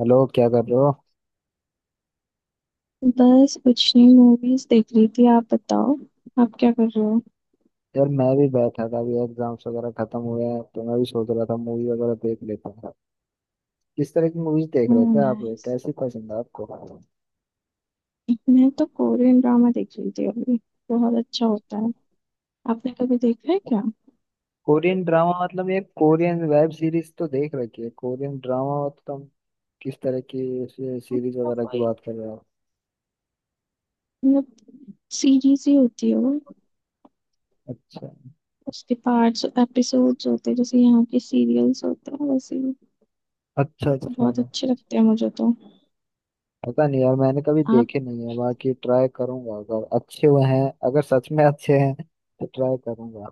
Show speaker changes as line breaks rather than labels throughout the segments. Hello, क्या कर रहे हो?
बस कुछ नहीं, मूवीज देख रही थी। आप बताओ, आप क्या कर रहे हो?
यार, मैं भी बैठा था। अभी एग्जाम्स वगैरह खत्म हुए हैं तो मैं भी सोच रहा था मूवी वगैरह देख लेता था। किस तरह की मूवीज देख रहे थे आप?
नाइस।
कैसी पसंद है आपको?
मैं तो कोरियन ड्रामा देख रही थी अभी। बहुत अच्छा होता है। आपने कभी देखा है क्या?
कोरियन ड्रामा मतलब ये कोरियन वेब सीरीज तो देख रखी है। कोरियन ड्रामा मतलब किस तरह की सीरीज
मतलब
वगैरह की
वही
बात कर रहे हो?
मतलब सीरीज ही होती है वो।
अच्छा,
उसके पार्ट्स एपिसोड्स होते हैं, जैसे यहाँ के सीरियल्स होते हैं वैसे ही।
अच्छा, अच्छा।
बहुत अच्छे लगते हैं मुझे तो।
पता नहीं यार, मैंने कभी
आप
देखे नहीं है। बाकी ट्राई करूंगा अगर अच्छे हुए हैं। अगर सच में अच्छे हैं तो ट्राई करूंगा।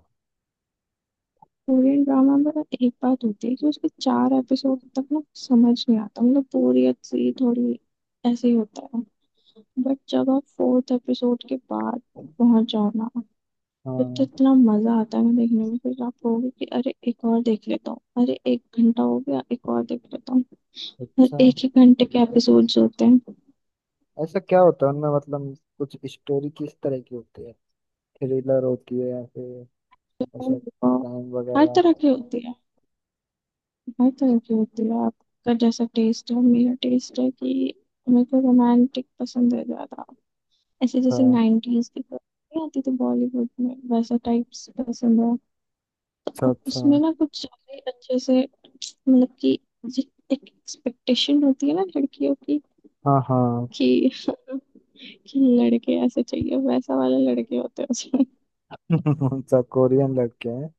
कोरियन ड्रामा में ना, एक बात होती है कि उसके चार एपिसोड तक ना समझ नहीं आता, मतलब बोरियत सी थोड़ी ऐसे ही होता है। बट जब आप फोर्थ एपिसोड के बाद पहुंच जाओ ना, फिर तो
हाँ।
इतना मजा आता है ना देखने में। फिर आप कहोगे कि अरे एक और देख लेता हूँ, अरे एक घंटा हो गया, एक और देख लेता हूँ। और
अच्छा।
एक ही घंटे के एपिसोड्स होते हैं।
ऐसा क्या होता है उनमें, मतलब कुछ स्टोरी किस तरह की होती है? थ्रिलर होती है या फिर ऐसा
तो
क्राइम
हर
वगैरह?
तरह
अच्छा,
की होती है। हर तरह की होती है। आपका जैसा टेस्ट है, मेरा टेस्ट है कि मेरे को रोमांटिक पसंद है ज्यादा। ऐसे जैसे नाइनटीज की फिल्म नहीं आती थी बॉलीवुड में, वैसा टाइप्स पसंद है।
अच्छा,
अब
अच्छा।
उसमें ना कुछ ज्यादा ही अच्छे से, मतलब कि जि- एक एक्सपेक्टेशन होती है ना लड़कियों की
हाँ, हाँ।
कि कि लड़के ऐसे चाहिए, वैसा वाले लड़के होते हैं उसमें।
अच्छा, कोरियन लड़के हैं?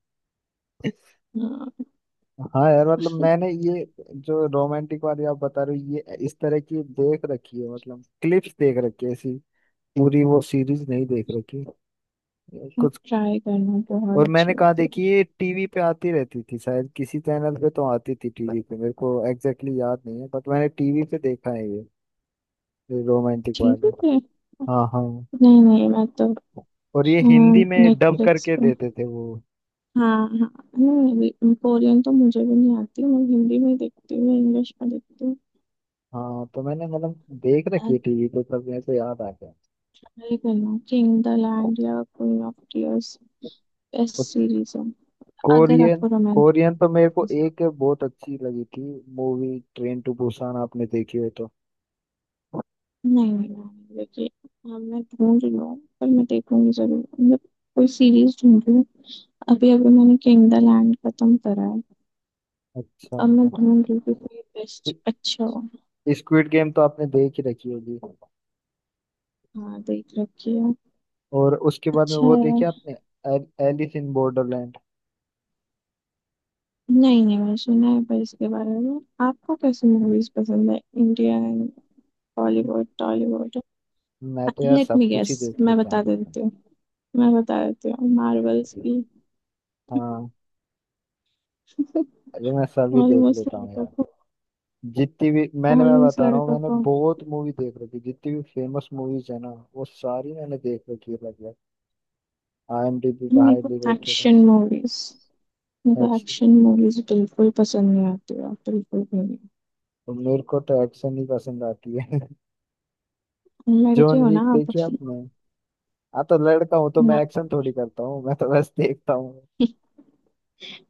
हाँ,
हाँ यार, मतलब मैंने ये जो रोमांटिक वाली आप बता रहे हो ये इस तरह की देख रखी है, मतलब क्लिप्स देख रखी है ऐसी। पूरी वो सीरीज नहीं देख रखी।
आप
कुछ
ट्राई करना, बहुत
और
अच्छी
मैंने कहा,
होती
देखी
है।
ये टीवी पे आती रहती थी शायद, किसी चैनल पे तो आती थी टीवी पे। मेरे को एग्जैक्टली exactly याद नहीं है, बट मैंने टीवी पे देखा है ये रोमांटिक
ठीक
वाले।
है।
हाँ, हाँ।
नहीं नहीं, मैं तो
और ये हिंदी में डब
नेटफ्लिक्स
करके
पे।
देते थे वो।
हाँ हाँ। नहीं, कोरियन तो मुझे भी नहीं आती, मैं हिंदी में ही देखती हूँ, इंग्लिश में देखती हूँ।
हाँ, तो मैंने मतलब देख रखी है टीवी पे, सब ऐसे याद आ गया।
ट्राई करना, किंग द लैंड या क्वीन ऑफ टीयर्स, बेस्ट
और
सीरीज है। अगर
कोरियन
आपको रोमांटिक।
कोरियन तो मेरे को एक बहुत अच्छी लगी थी मूवी, ट्रेन टू बुसान आपने देखी हो तो?
नहीं नहीं नहीं, देखिए। हाँ, मैं ढूंढ रही हूँ पर मैं देखूंगी जरूर, मतलब कोई सीरीज ढूंढ रही हूँ। अभी अभी मैंने किंग द लैंड खत्म करा है।
अच्छा,
अब मैं
मतलब
ढूंढ रही हूँ कि कोई बेस्ट अच्छा हो।
स्क्विड गेम तो आपने देख ही रखी होगी।
हाँ, देख रखी है।
और उसके बाद में
अच्छा
वो
है।
देखी आपने, एलिस इन बॉर्डरलैंड?
नहीं नहीं, मैंने सुना है पर इसके बारे में। आपको कैसी मूवीज पसंद है? इंडियन, बॉलीवुड, टॉलीवुड?
मैं तो यार
लेट
सब
मी
कुछ
गेस,
ही देख
मैं
लेता
बता
हूँ।
देती हूँ। मैं बता देती हूँ, मार्वल्स की।
हाँ, अरे मैं सभी देख
ऑलमोस्ट
लेता हूँ
लड़कों
यार।
को।
जितनी भी मैं
ऑलमोस्ट
बता रहा हूँ,
लड़कों
मैंने
को।
बहुत मूवी देख रखी, जितनी भी फेमस मूवीज है ना, वो सारी मैंने देख रखी है लगभग। आईएमडीबी का
मेरे
हाईली
को
रेटेड है।
एक्शन मूवीज मेरे को
एक्शन।
एक्शन मूवीज बिल्कुल पसंद नहीं आती है, बिल्कुल भी।
तो मेरे को तो एक्शन ही पसंद आती है।
नहीं, लड़के
जॉन
हो ना
विक
आप।
देखी आपने? हाँ तो लड़का हूँ तो मैं
ना,
एक्शन थोड़ी करता हूँ, मैं तो बस देखता हूँ।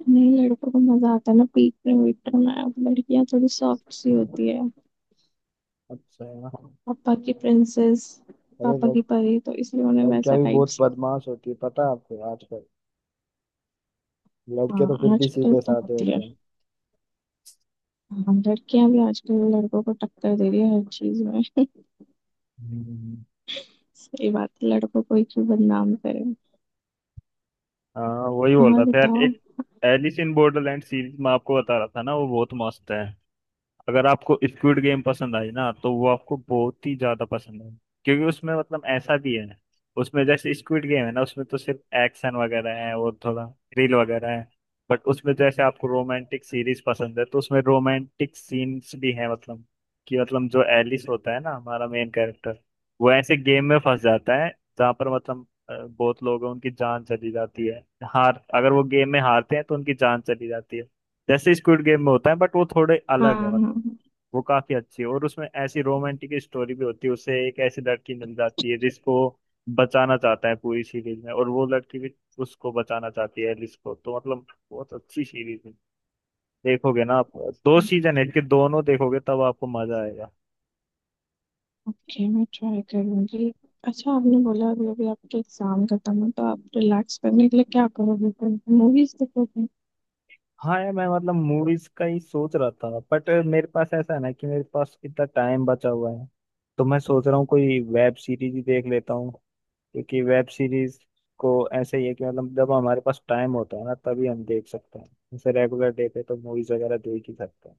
नहीं, लड़कों को मजा आता है ना पीटने वीटने में। अब लड़कियां थोड़ी सॉफ्ट सी होती है,
अच्छा,
पापा की प्रिंसेस,
अरे
पापा की परी, तो इसलिए उन्हें वैसा
लड़कियां भी
टाइप
बहुत
से।
बदमाश होती है, पता है आपको, आजकल। लड़के तो फिर
हाँ
भी
आजकल
सीधे
तो
साधे
होती है।
होते हैं।
हाँ, लड़कियां भी आजकल लड़कों को टक्कर दे रही है हर चीज में।
हम्म।
सही बात है, लड़कों को ही क्यों बदनाम करें।
हाँ, वही बोल
और
रहा था यार।
बताओ।
एक एलिस इन बॉर्डरलैंड सीरीज में आपको बता रहा था ना, वो बहुत मस्त है। अगर आपको स्क्विड गेम पसंद आई ना, तो वो आपको बहुत ही ज्यादा पसंद है। क्योंकि उसमें मतलब ऐसा भी है, उसमें जैसे स्क्विड गेम है ना, उसमें तो सिर्फ एक्शन वगैरह है और थोड़ा थ्रिल वगैरह है। बट उसमें जैसे आपको रोमांटिक सीरीज पसंद है तो उसमें रोमांटिक सीन्स भी है। मतलब कि मतलब जो एलिस होता है ना, हमारा मेन कैरेक्टर, वो ऐसे गेम में फंस जाता है। जहाँ पर मतलब बहुत लोग हैं, उनकी जान चली जाती है। हार अगर वो गेम में हारते हैं तो उनकी जान चली जाती है, जैसे स्क्विड गेम में होता है। बट वो थोड़े
हाँ
अलग है
हाँ
मतलब।
हाँ।
वो काफी अच्छी है, और उसमें ऐसी रोमांटिक स्टोरी भी होती है, उसे एक ऐसी लड़की मिल जाती है जिसको बचाना चाहता है पूरी सीरीज में, और वो लड़की भी उसको बचाना चाहती है एलिस को, तो मतलब बहुत अच्छी सीरीज है। देखोगे ना आप? 2 सीजन है इसके, दोनों देखोगे तब आपको मजा आएगा।
ओके, मैं ट्राई करूंगी। अच्छा, आपने बोला अभी अभी आपके एग्जाम खत्म है, तो आप रिलैक्स करने के लिए क्या करोगे? मूवीज देखोगे?
हाँ यार, मैं मतलब मूवीज का ही सोच रहा था, बट मेरे पास ऐसा है ना कि मेरे पास इतना टाइम बचा हुआ है, तो मैं सोच रहा हूँ कोई वेब सीरीज ही देख लेता हूँ। क्योंकि वेब सीरीज को ऐसे ही है कि मतलब जब हमारे पास टाइम होता है ना तभी हम देख सकते हैं। जैसे रेगुलर डे पे तो मूवीज वगैरह देख ही सकते हैं।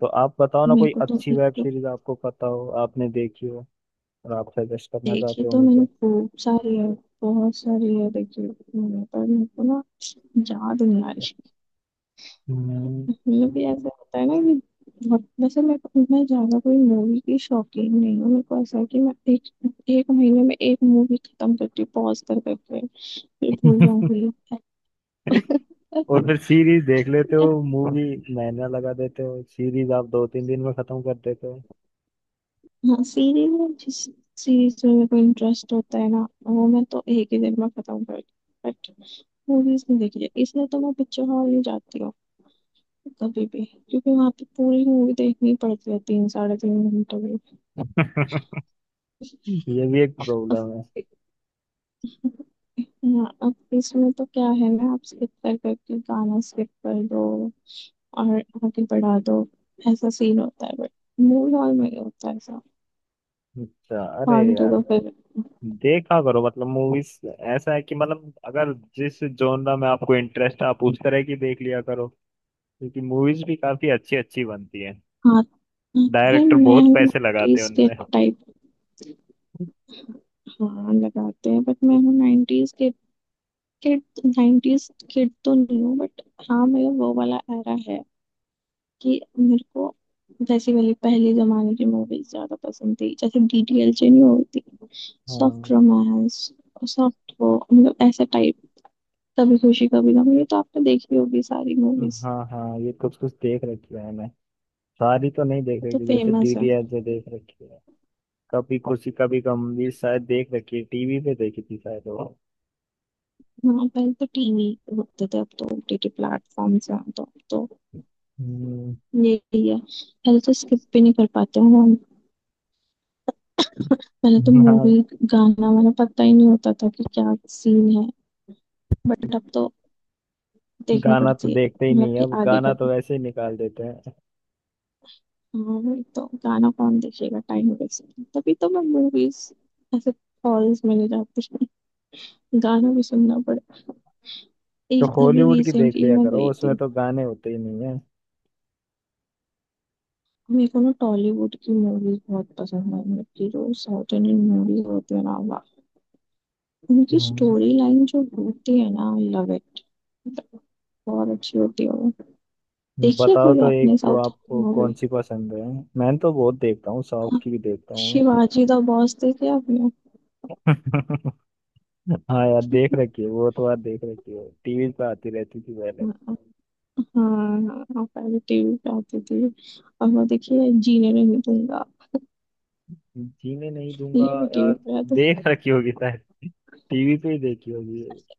तो आप बताओ ना
मेरे
कोई
को तो
अच्छी
एक
वेब
तो,
सीरीज आपको पता हो, आपने देखी हो, और आप सजेस्ट करना
देखी
चाहते हो
तो मैंने
मुझे।
खूब सारी है, बहुत सारी है देखी मैंने, पर मेरे को ना याद नहीं आ रही।
हम्म।
मतलब कि ऐसा होता है ना कि बहुत, वैसे मैं ज्यादा कोई मूवी की शौकीन नहीं हूँ। मेरे को ऐसा है कि मैं एक एक महीने में एक मूवी खत्म करती हूँ पॉज कर करके, फिर भूल जाऊंगी।
और फिर सीरीज देख लेते हो? मूवी महीना लगा देते हो, सीरीज आप दो तीन दिन में खत्म कर देते हो।
हाँ, सीरीज में मेरे को इंटरेस्ट होता है ना, वो मैं तो एक ही दिन में खत्म कर। बट मूवीज नहीं देखी जाती, इसलिए तो मैं पिक्चर हॉल नहीं जाती हूँ कभी भी, क्योंकि वहां पे पूरी मूवी देखनी पड़ती है तीन साढ़े तीन घंटे की।
ये भी एक
अब
प्रॉब्लम है।
हाँ, अब इसमें तो क्या है ना, आप स्किप कर करके गाना स्किप कर दो और आगे बढ़ा दो, ऐसा सीन होता है। बट मूवी हॉल में नहीं होता ऐसा,
अच्छा, अरे
फालतू का फिर।
देखा करो मतलब मूवीज। ऐसा है कि मतलब अगर जिस जॉनरा में आपको इंटरेस्ट है, आप उस तरह की देख लिया करो। क्योंकि मूवीज भी काफी अच्छी अच्छी बनती हैं,
हाँ। हाँ,
डायरेक्टर
मैं
बहुत
हूँ
पैसे लगाते हैं
90s के।
उनमें।
हाँ, लगाते हैं बट मैं हूँ 90s kid, kid 90s kid तो नहीं हूँ बट हाँ, मेरा वो वाला एरा है कि मेरे को जैसी वाली पहले जमाने की मूवीज ज्यादा पसंद थी, जैसे डीडीएलजे नहीं होती, सॉफ्ट
हाँ,
रोमांस, सॉफ्ट वो, मतलब ऐसा टाइप। कभी खुशी कभी गम, ये तो आपने देखी होगी, सारी मूवीज
हाँ, हाँ, ये कुछ कुछ देख रखी है मैं। सारी तो नहीं देख
तो
रखी, जैसे
फेमस है।
डीडीएल जो देख रखी है। कभी खुशी कभी गम भी शायद देख रखी है, टीवी पे देखी थी शायद वो।
हाँ, पहले तो टीवी होते थे, अब तो ओटीटी प्लेटफॉर्म्स हैं, तो
हम्म,
यही है। पहले तो स्किप भी नहीं कर पाते हैं, पहले तो मूवी
हाँ।
गाना वाना पता ही नहीं होता था कि क्या सीन है। बट अब तो देखनी
गाना तो
पड़ती है,
देखते ही
मतलब
नहीं है
कि
अब,
आगे
गाना
करके।
तो वैसे ही निकाल देते हैं।
हाँ वही तो, गाना कौन देखेगा, टाइम वेस्ट। तभी तो मैं मूवीज ऐसे हॉल्स में नहीं जाती हूँ। गाना भी सुनना पड़ता।
तो
एक अभी
हॉलीवुड की देख
रिसेंटली
लिया
मैं
करो,
गई
उसमें
थी।
तो गाने होते ही नहीं है।
मेरे को ना टॉलीवुड की मूवीज बहुत पसंद है, मतलब कि जो साउथ इंडियन मूवीज होती है ना, वाह, उनकी
हम्म,
स्टोरी लाइन जो होती है ना, आई लव इट। बहुत अच्छी होती है वो। देखिए,
बताओ
कोई
तो, एक
आपने
तो
साउथ इंडियन
आपको
मूवी,
कौन सी पसंद है? मैं तो बहुत देखता हूँ, साउथ की भी देखता हूँ।
शिवाजी द बॉस देखी आपने?
हाँ यार, देख रखी है वो तो यार, देख रखी है, टीवी पे आती रहती थी पहले।
हाँ हाँ, हाँ पहले टीवी पे आती थी। और वो देखिए, जीने नहीं दूंगा,
जीने नहीं दूंगा,
ये भी टीवी
यार
पे आते।
देख रखी होगी शायद, टीवी पे ही देखी होगी।
अच्छा,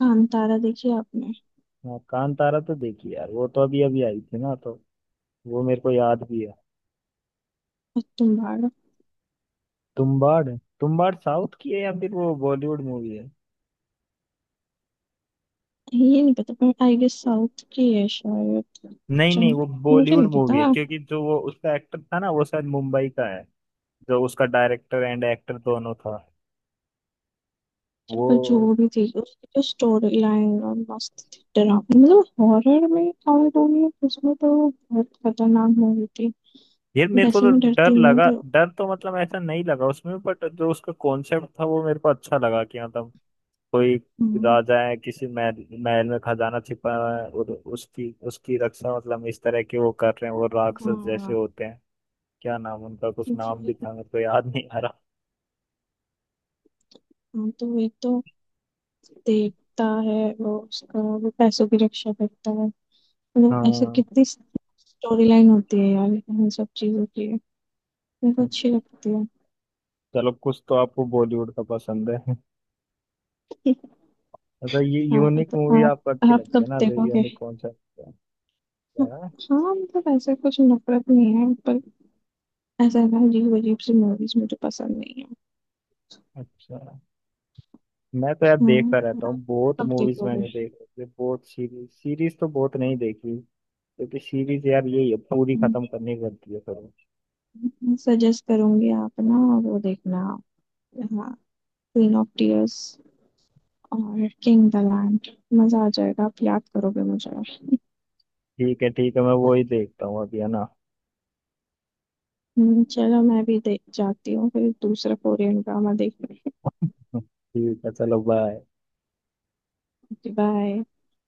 कांतारा देखी आपने?
हाँ, कांतारा तो देखी यार, वो तो अभी अभी आई थी ना, तो वो मेरे को याद भी है।
और तुम भाड़,
तुम्बाड़। तुम्बाड़ साउथ की है या फिर वो बॉलीवुड मूवी है?
ये नहीं पता पर आई गेस साउथ की है शायद।
नहीं,
अच्छा,
नहीं, वो
मुझे
बॉलीवुड
नहीं
मूवी है,
पता।
क्योंकि जो वो उसका एक्टर था ना, वो शायद मुंबई का है। जो उसका डायरेक्टर एंड एक्टर दोनों था
अच्छा,
वो।
पर जो भी थी, उसकी जो स्टोरी लाइन और मस्त थी, डरावनी, मतलब हॉरर में काउंट होगी उसमें, तो बहुत खतरनाक मूवी थी।
ये मेरे को
वैसे
तो
मैं डरती
डर
नहीं हूँ
लगा,
पर।
डर तो मतलब ऐसा नहीं लगा उसमें, बट जो उसका कॉन्सेप्ट था वो मेरे को अच्छा लगा, कि मतलब कोई
हम्म।
राजा है, किसी महल महल में खजाना छिपा हुआ है, और उसकी उसकी रक्षा मतलब इस तरह के वो कर रहे हैं, वो राक्षस जैसे
हाँ
होते हैं। क्या नाम उनका, कुछ नाम
वही-
भी था मेरे को याद नहीं आ रहा।
हाँ, तो वही तो देवता है, वो उसका वो पैसों की रक्षा करता है। मतलब ऐसे
हाँ,
कितनी स्टोरी लाइन होती है यार इन सब चीजों की, मेरे को अच्छी लगती है।
चलो कुछ तो आपको बॉलीवुड का पसंद है। मतलब ये
हाँ
यूनिक
तो
मूवी
आप
आपको अच्छी
आप
लगती है
कब
ना, जो
देखोगे?
यूनिक कॉन्सेप्ट है ना।
हाँ मतलब ऐसा कुछ नफरत नहीं है, पर ऐसा है ना, अजीब अजीब सी मूवीज मुझे पसंद नहीं है।
अच्छा, मैं तो यार
हाँ,
देखता रहता हूँ,
आप
बहुत
कब
मूवीज
देखोगे?
मैंने देख रखी है बहुत, सीरीज सीरीज तो बहुत नहीं देखी। क्योंकि सीरीज यार यही है, पूरी खत्म करनी पड़ती है फिर।
सजेस्ट करूंगी आप ना, वो देखना, हाँ, क्वीन ऑफ टीयर्स और किंग द लैंड, मजा आ जाएगा, आप याद करोगे मुझे।
ठीक है, ठीक है, मैं वो ही देखता हूँ अभी है ना।
चलो, मैं भी देख जाती हूँ फिर दूसरा कोरियन ड्रामा देखने।
ठीक है, चलो बाय।
बाय।